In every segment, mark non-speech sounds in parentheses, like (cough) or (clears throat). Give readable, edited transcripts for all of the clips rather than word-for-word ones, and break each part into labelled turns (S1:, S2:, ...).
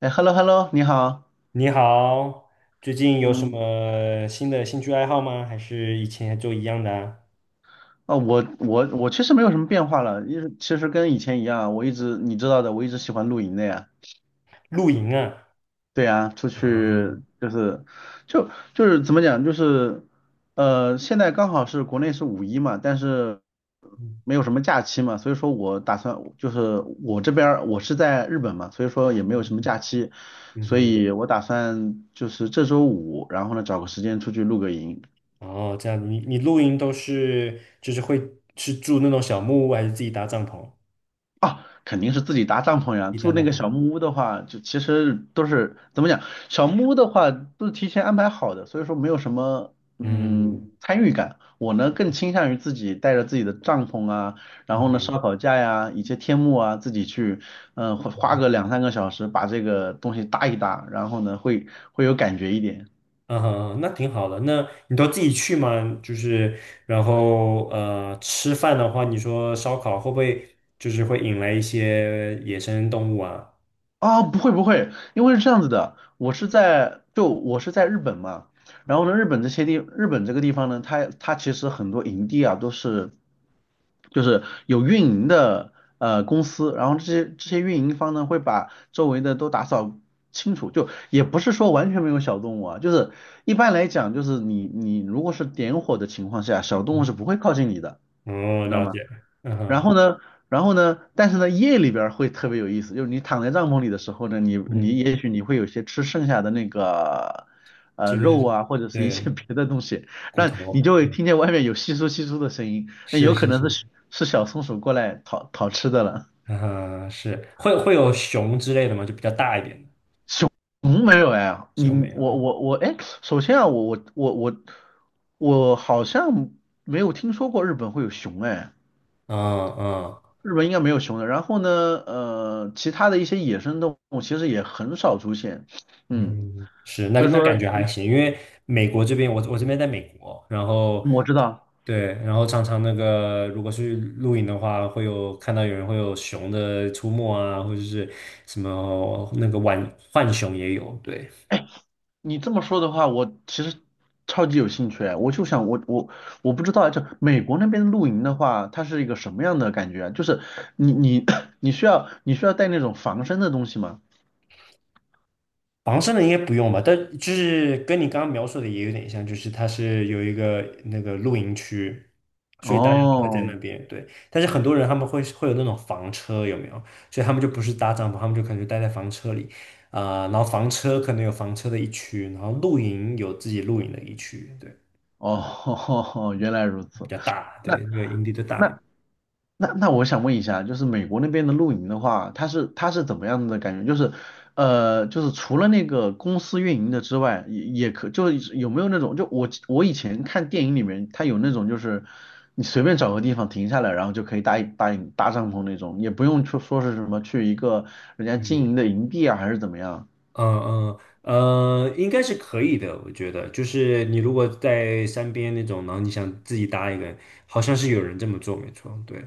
S1: 哎，hello hello，你好。
S2: 你好，最近有什
S1: 嗯，
S2: 么新的兴趣爱好吗？还是以前就一样的啊？
S1: 我其实没有什么变化了，因为其实跟以前一样，我一直你知道的，我一直喜欢露营的呀。
S2: 露营啊，
S1: 对呀，出去
S2: 啊，
S1: 就是就是怎么讲，就是现在刚好是国内是五一嘛，但是
S2: 嗯
S1: 没有什么假期嘛，所以说我打算就是我这边儿我是在日本嘛，所以说也没有什么假期，所
S2: 嗯
S1: 以我打算就是这周五，然后呢找个时间出去露个营。
S2: 哼，哦，这样，你露营都是就是会是住那种小木屋，还是自己搭帐篷？
S1: 啊，肯定是自己搭帐篷呀。
S2: 自己搭
S1: 住那
S2: 帐
S1: 个
S2: 篷，
S1: 小木屋的话，就其实都是怎么讲，小木屋的话都是提前安排好的，所以说没有什么
S2: 嗯
S1: 参与感。我呢更倾向于自己带着自己的帐篷啊，然
S2: 嗯
S1: 后呢
S2: 哼，
S1: 烧烤架呀，以及天幕啊，自己去花个两三个小时把这个东西搭一搭，然后呢会有感觉一点。
S2: 嗯哈，那挺好的。那你都自己去吗？就是然后吃饭的话，你说烧烤会不会就是会引来一些野生动物啊？
S1: 不会不会，因为是这样子的，我是在日本嘛，然后呢，日本这个地方呢，它其实很多营地啊都是就是有运营的公司，然后这些运营方呢会把周围的都打扫清楚，就也不是说完全没有小动物啊，就是一般来讲就是你如果是点火的情况下，小动物是不会靠近你的，
S2: 哦，
S1: 你知道
S2: 了
S1: 吗？
S2: 解，嗯
S1: 然
S2: 哼，
S1: 后呢，但是呢，夜里边儿会特别有意思，就是你躺在帐篷里的时候呢，你你
S2: 嗯，
S1: 也许你会有些吃剩下的那个
S2: 就
S1: 肉
S2: 是
S1: 啊，或者是一些 (laughs)
S2: 对，
S1: 别的东西，
S2: 骨
S1: 那你
S2: 头。
S1: 就会听见外面有窸窣窸窣的声音，那
S2: 是
S1: 有可
S2: 是
S1: 能
S2: 是，
S1: 是小松鼠过来讨讨吃的了。
S2: 嗯哼，是会有熊之类的吗？就比较大一点的
S1: 熊没有哎，
S2: 熊没
S1: 你
S2: 有，
S1: 我
S2: 嗯
S1: 我我哎，首先啊，我我我我好像没有听说过日本会有熊哎。
S2: 嗯
S1: 日本应该没有熊的。然后呢，其他的一些野生动物其实也很少出现，
S2: 嗯，
S1: 嗯，
S2: 嗯，是。那
S1: 所以
S2: 那感
S1: 说
S2: 觉还行，因为美国这边，我这边在美国，然后
S1: 嗯我知道
S2: 对，然后常常那个如果去露营的话，会有看到有人会有熊的出没啊，或者是什么那个浣熊也有，对。
S1: 你这么说的话，我其实超级有兴趣哎我就想我不知道哎，就美国那边露营的话，它是一个什么样的感觉啊？就是你 (clears throat) 你需要带那种防身的东西吗？
S2: 房身的应该不用吧？但就是跟你刚刚描述的也有点像，就是它是有一个那个露营区，所以大家都会在那
S1: 哦
S2: 边。对，但是很多人他们会有那种房车，有没有？所以他们就不是搭帐篷，他们就可能就待在房车里，啊、然后房车可能有房车的一区，然后露营有自己露营的一区，对，
S1: 哦，(laughs) 原来如
S2: 比
S1: 此。
S2: 较大，
S1: 那
S2: 对，那个营地就大一
S1: 那
S2: 点。
S1: 那我想问一下，就是美国那边的露营的话，它是怎么样的感觉？就是就是除了那个公司运营的之外，也就是有没有那种，就我以前看电影里面，它有那种就是你随便找个地方停下来，然后就可以搭一搭帐篷那种，也不用说是什么去一个人家经营
S2: 嗯
S1: 的营地啊，还是怎么样？
S2: 嗯嗯，应该是可以的，我觉得。就是你如果在山边那种，然后你想自己搭一个，好像是有人这么做，没错。对，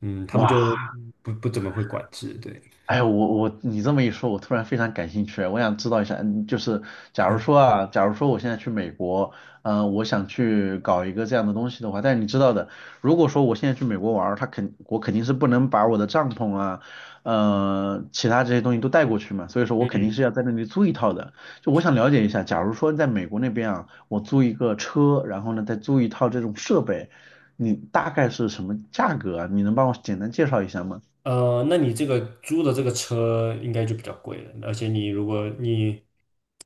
S2: 嗯，他们就
S1: 哇，
S2: 不怎么会管制，对，
S1: 哎，你这么一说，我突然非常感兴趣啊，我想知道一下，就是假如说我现在去美国，我想去搞一个这样的东西的话，但是你知道的，如果说我现在去美国玩儿，我肯定是不能把我的帐篷啊，其他这些东西都带过去嘛，所以说我肯定
S2: 嗯。
S1: 是要在那里租一套的。就我想了解一下，假如说在美国那边啊，我租一个车，然后呢再租一套这种设备，你大概是什么价格啊？你能帮我简单介绍一下吗？
S2: 那你这个租的这个车应该就比较贵了，而且你如果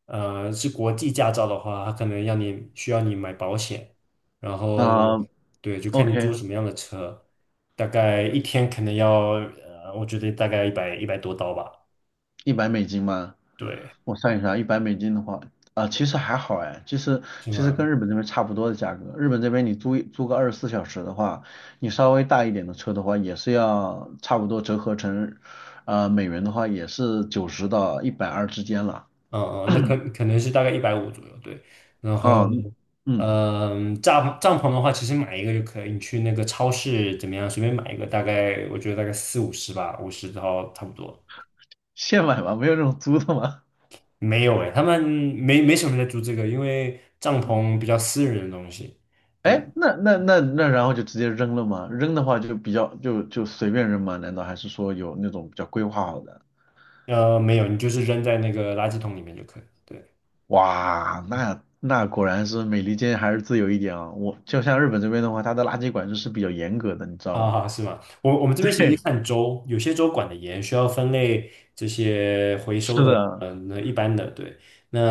S2: 是国际驾照的话，它可能要你需要你买保险，然后
S1: 啊
S2: 对，就看你租
S1: ，OK，
S2: 什么样的车，大概一天可能要我觉得大概一百多刀吧，
S1: 一百美金吗？
S2: 对，
S1: 我算一算，一百美金的话，其实还好哎，其实
S2: 是
S1: 其实
S2: 吗，
S1: 跟日本这边差不多的价格。日本这边你租个24小时的话，你稍微大一点的车的话，也是要差不多折合成，美元的话也是90到120之间了。
S2: 嗯嗯，那可能是大概150左右，对。然后，
S1: 啊、嗯，
S2: 帐篷的话，其实买一个就可以，你去那个超市怎么样，随便买一个，大概我觉得大概四五十吧，五十到差不多。
S1: 现买吗？没有这种租的吗？
S2: 没有诶，他们没什么人在租这个，因为帐篷比较私人的东西，对不对？
S1: 哎，那那那那，然后就直接扔了吗？扔的话就比较就随便扔吗？难道还是说有那种比较规划好的？
S2: 没有，你就是扔在那个垃圾桶里面就可以了，对。
S1: 哇，那果然是美利坚还是自由一点啊。我就像日本这边的话，它的垃圾管制是比较严格的，你知道吗？
S2: 啊，是吗？我们
S1: (laughs)
S2: 这边其
S1: 对，
S2: 实看州，有些州管得严，需要分类这些回
S1: 是
S2: 收的，
S1: 的，
S2: 嗯，那一般的，对，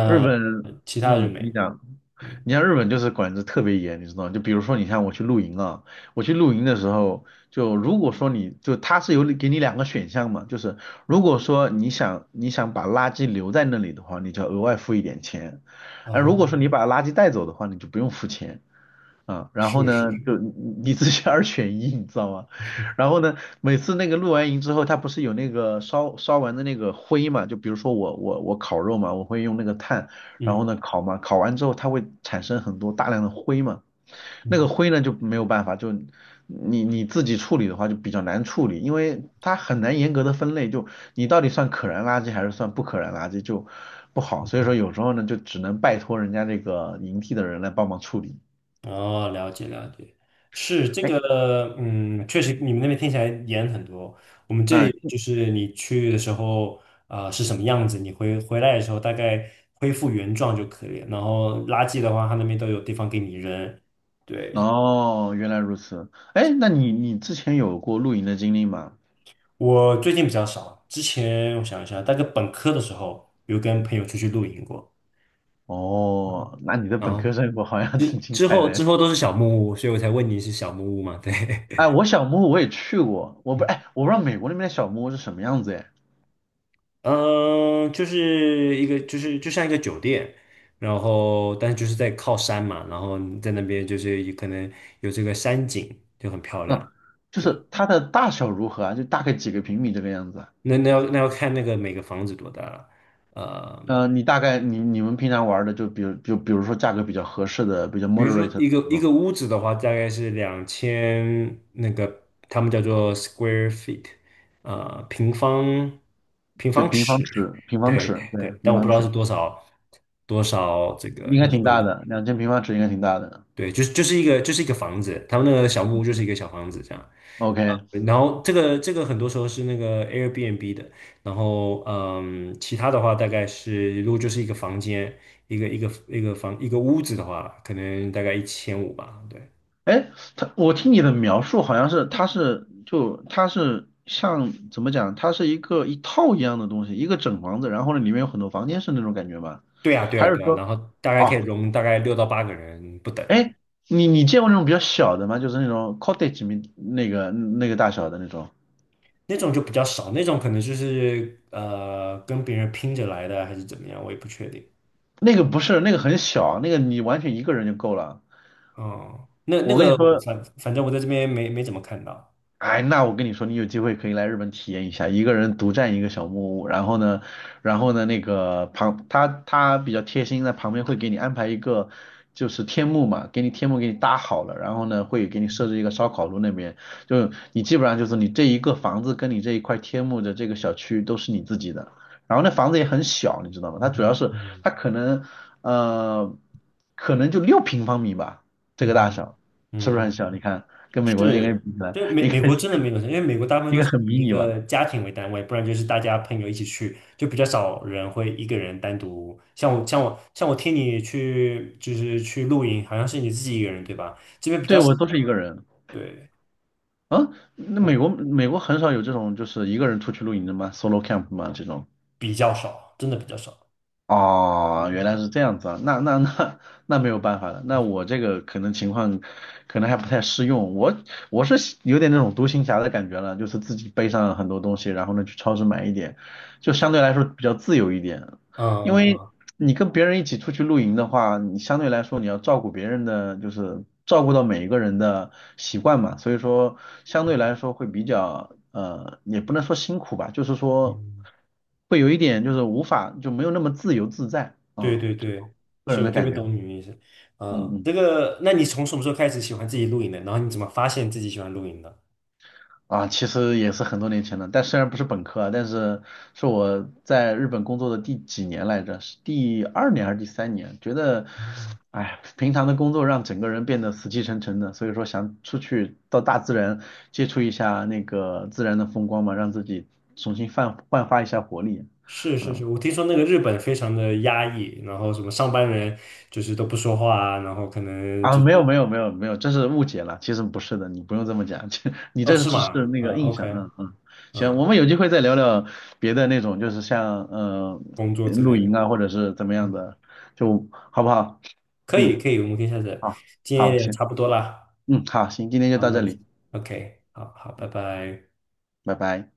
S1: 日本，
S2: 其他的就
S1: 嗯，
S2: 没
S1: 你
S2: 了。
S1: 讲，
S2: 嗯，
S1: 你像日本就是管制特别严，你知道吗？就比如说，你看我去露营啊，我去露营的时候，就如果说它是有给你两个选项嘛，就是如果说你想把垃圾留在那里的话，你就要额外付一点钱，而
S2: 哦，
S1: 如果说你把垃圾带走的话，你就不用付钱。啊，然后
S2: 是是是，
S1: 呢，就你自己 (laughs) 二选一，你知道吗？然后呢，每次那个露完营之后，它不是有那个烧完的那个灰嘛？就比如说我烤肉嘛，我会用那个炭，然
S2: 嗯，
S1: 后呢烤嘛，烤完之后它会产生很多大量的灰嘛，那个
S2: 嗯，
S1: 灰呢就没有办法，就你自己处理的话就比较难处理，因为它很难严格的分类，就你到底算可燃垃圾还是算不可燃垃圾就不好，所以说有时候呢就只能拜托人家这个营地的人来帮忙处理。
S2: 哦，了解了解，是这
S1: 哎。
S2: 个，嗯，确实你们那边听起来严很多。我们这里
S1: 那
S2: 就是你去的时候，啊，是什么样子，你回来的时候大概恢复原状就可以了。然后垃圾的话，他那边都有地方给你扔。对，
S1: 哦，原来如此。哎，那你之前有过露营的经历吗？
S2: 我最近比较少，之前我想一下，大概本科的时候有跟朋友出去露营过，
S1: 哦，那你的
S2: 然
S1: 本
S2: 后
S1: 科生活好像挺
S2: 之
S1: 精
S2: 之
S1: 彩
S2: 后
S1: 的。
S2: 之后都是小木屋，所以我才问你是小木屋嘛？对。
S1: 哎，我小木屋我也去过，
S2: (laughs)
S1: 我不知道美国那边的小木屋是什么样子哎。
S2: 嗯，呃就是一个就是就像一个酒店，然后但是就是在靠山嘛，然后你在那边就是也可能有这个山景，就很漂亮，
S1: 嗯，就
S2: 对，
S1: 是它的大小如何啊？就大概几个平米这个样子
S2: 那要看那个每个房子多大了。呃
S1: 嗯，你大概你你们平常玩的就比如说价格比较合适的，比较
S2: 比如
S1: moderate
S2: 说
S1: 的
S2: 一个
S1: 那
S2: 一
S1: 种，
S2: 个屋子的话，大概是2000，他们叫做 square feet,呃，平方平
S1: 对，
S2: 方
S1: 平方
S2: 尺，
S1: 尺，平
S2: 对
S1: 方
S2: 对
S1: 尺，对，
S2: 对，但
S1: 平
S2: 我不
S1: 方
S2: 知道是
S1: 尺
S2: 多少这个
S1: 应该
S2: 你
S1: 挺
S2: 说
S1: 大
S2: 的，
S1: 的，2000平方尺应该挺大的。
S2: 对，就是就是一个就是一个房子，他们那个小木屋就是一个小房子这样，啊、
S1: OK，
S2: 然后这个很多时候是那个 Airbnb 的，然后其他的话大概是如果就是一个房间，一个屋子的话，可能大概1500吧，对。
S1: 哎，我听你的描述好像是，它是像怎么讲，它是一个一套一样的东西，一个整房子，然后呢里面有很多房间是那种感觉吗？
S2: 对呀，对呀，
S1: 还是
S2: 对呀，
S1: 说，
S2: 然后大概可以
S1: 哦，
S2: 容大概六到八个人不等，
S1: 哎，你见过那种比较小的吗？就是那种 cottage 名那个大小的那种，
S2: 那种就比较少，那种可能就是跟别人拼着来的啊还是怎么样，我也不确定。
S1: 那个不是，那个很小，那个你完全一个人就够了。
S2: 哦，那那
S1: 我跟你
S2: 个我
S1: 说，
S2: 反正我在这边没怎么看到。
S1: 哎，那我跟你说，你有机会可以来日本体验一下，一个人独占一个小木屋，然后呢，然后呢，那个旁他他比较贴心，在旁边会给你安排一个就是天幕嘛，给你天幕给你搭好了，然后呢会给你设置一个烧烤炉那边，就你基本上就是你这一个房子跟你这一块天幕的这个小区都是你自己的，然后那房子也很小，你知道吗？
S2: 嗯
S1: 它主要
S2: 哼，
S1: 是
S2: 嗯
S1: 它可能呃可能就6平方米吧，这
S2: 嗯
S1: 个大
S2: 嗯
S1: 小是不
S2: 嗯
S1: 是很小？
S2: 嗯。
S1: 你看跟美国人应该
S2: 是，
S1: 比起来。
S2: 对，美国真的没有，因为美国大部分
S1: 应
S2: 都
S1: 该
S2: 是
S1: 很
S2: 以
S1: 迷
S2: 一
S1: 你吧？
S2: 个家庭为单位，不然就是大家朋友一起去，就比较少人会一个人单独。像我听你去就是去露营，好像是你自己一个人对吧？这边比
S1: 对，
S2: 较少，
S1: 我都是一个人
S2: 对，
S1: 啊。那美
S2: 我
S1: 国美国很少有这种就是一个人出去露营的吗？Solo camp 吗？这种？
S2: 比较少，真的比较少。
S1: 哦，原来
S2: 嗯
S1: 是这样子啊。那没有办法了。那我这个可能情况可能还不太适用。我我有点那种独行侠的感觉了，就是自己背上很多东西，然后呢去超市买一点，就相对来说比较自由一点。
S2: 嗯
S1: 因为
S2: 嗯
S1: 你跟别人一起出去露营的话，你相对来说你要照顾别人的，就是照顾到每一个人的习惯嘛，所以说相对来说会比较也不能说辛苦吧，就是
S2: 嗯，
S1: 说
S2: 嗯，
S1: 会有一点就是无法就没有那么自由自在
S2: 对
S1: 啊，
S2: 对
S1: 这
S2: 对，
S1: 个
S2: 是
S1: 人
S2: 我
S1: 的
S2: 特
S1: 感
S2: 别
S1: 觉，
S2: 懂你的意思。
S1: 嗯
S2: 嗯，
S1: 嗯。
S2: 这个，那你从什么时候开始喜欢自己露营的？然后你怎么发现自己喜欢露营的？
S1: 啊，其实也是很多年前了，但虽然不是本科啊，但是是我在日本工作的第几年来着？是第二年还是第三年？觉得，哎，平常的工作让整个人变得死气沉沉的，所以说想出去到大自然接触一下那个自然的风光嘛，让自己重新焕发一下活力。
S2: 是是是，
S1: 嗯。
S2: 我听说那个日本非常的压抑，然后什么上班人就是都不说话啊，然后可能
S1: 啊，
S2: 就是，
S1: 没有没有没有没有，这是误解了，其实不是的，你不用这么讲，(laughs) 这你
S2: 哦，
S1: 这
S2: 是
S1: 只是
S2: 吗？
S1: 那
S2: 嗯
S1: 个印象，
S2: ，OK,
S1: 嗯嗯，行，
S2: 嗯，
S1: 我们有机会再聊聊别的那种，就是像
S2: 工作之
S1: 露
S2: 类的，
S1: 营啊，或者是怎么样
S2: 嗯，
S1: 的，就好不好？
S2: 可以
S1: 嗯，
S2: 可以，我们可以下次，
S1: 好，
S2: 今天
S1: 好，
S2: 也
S1: 行，
S2: 差不多啦，
S1: 嗯，好，行，今天就
S2: 好，
S1: 到
S2: 那我
S1: 这
S2: 们
S1: 里，
S2: OK,好好，拜拜。
S1: 拜拜。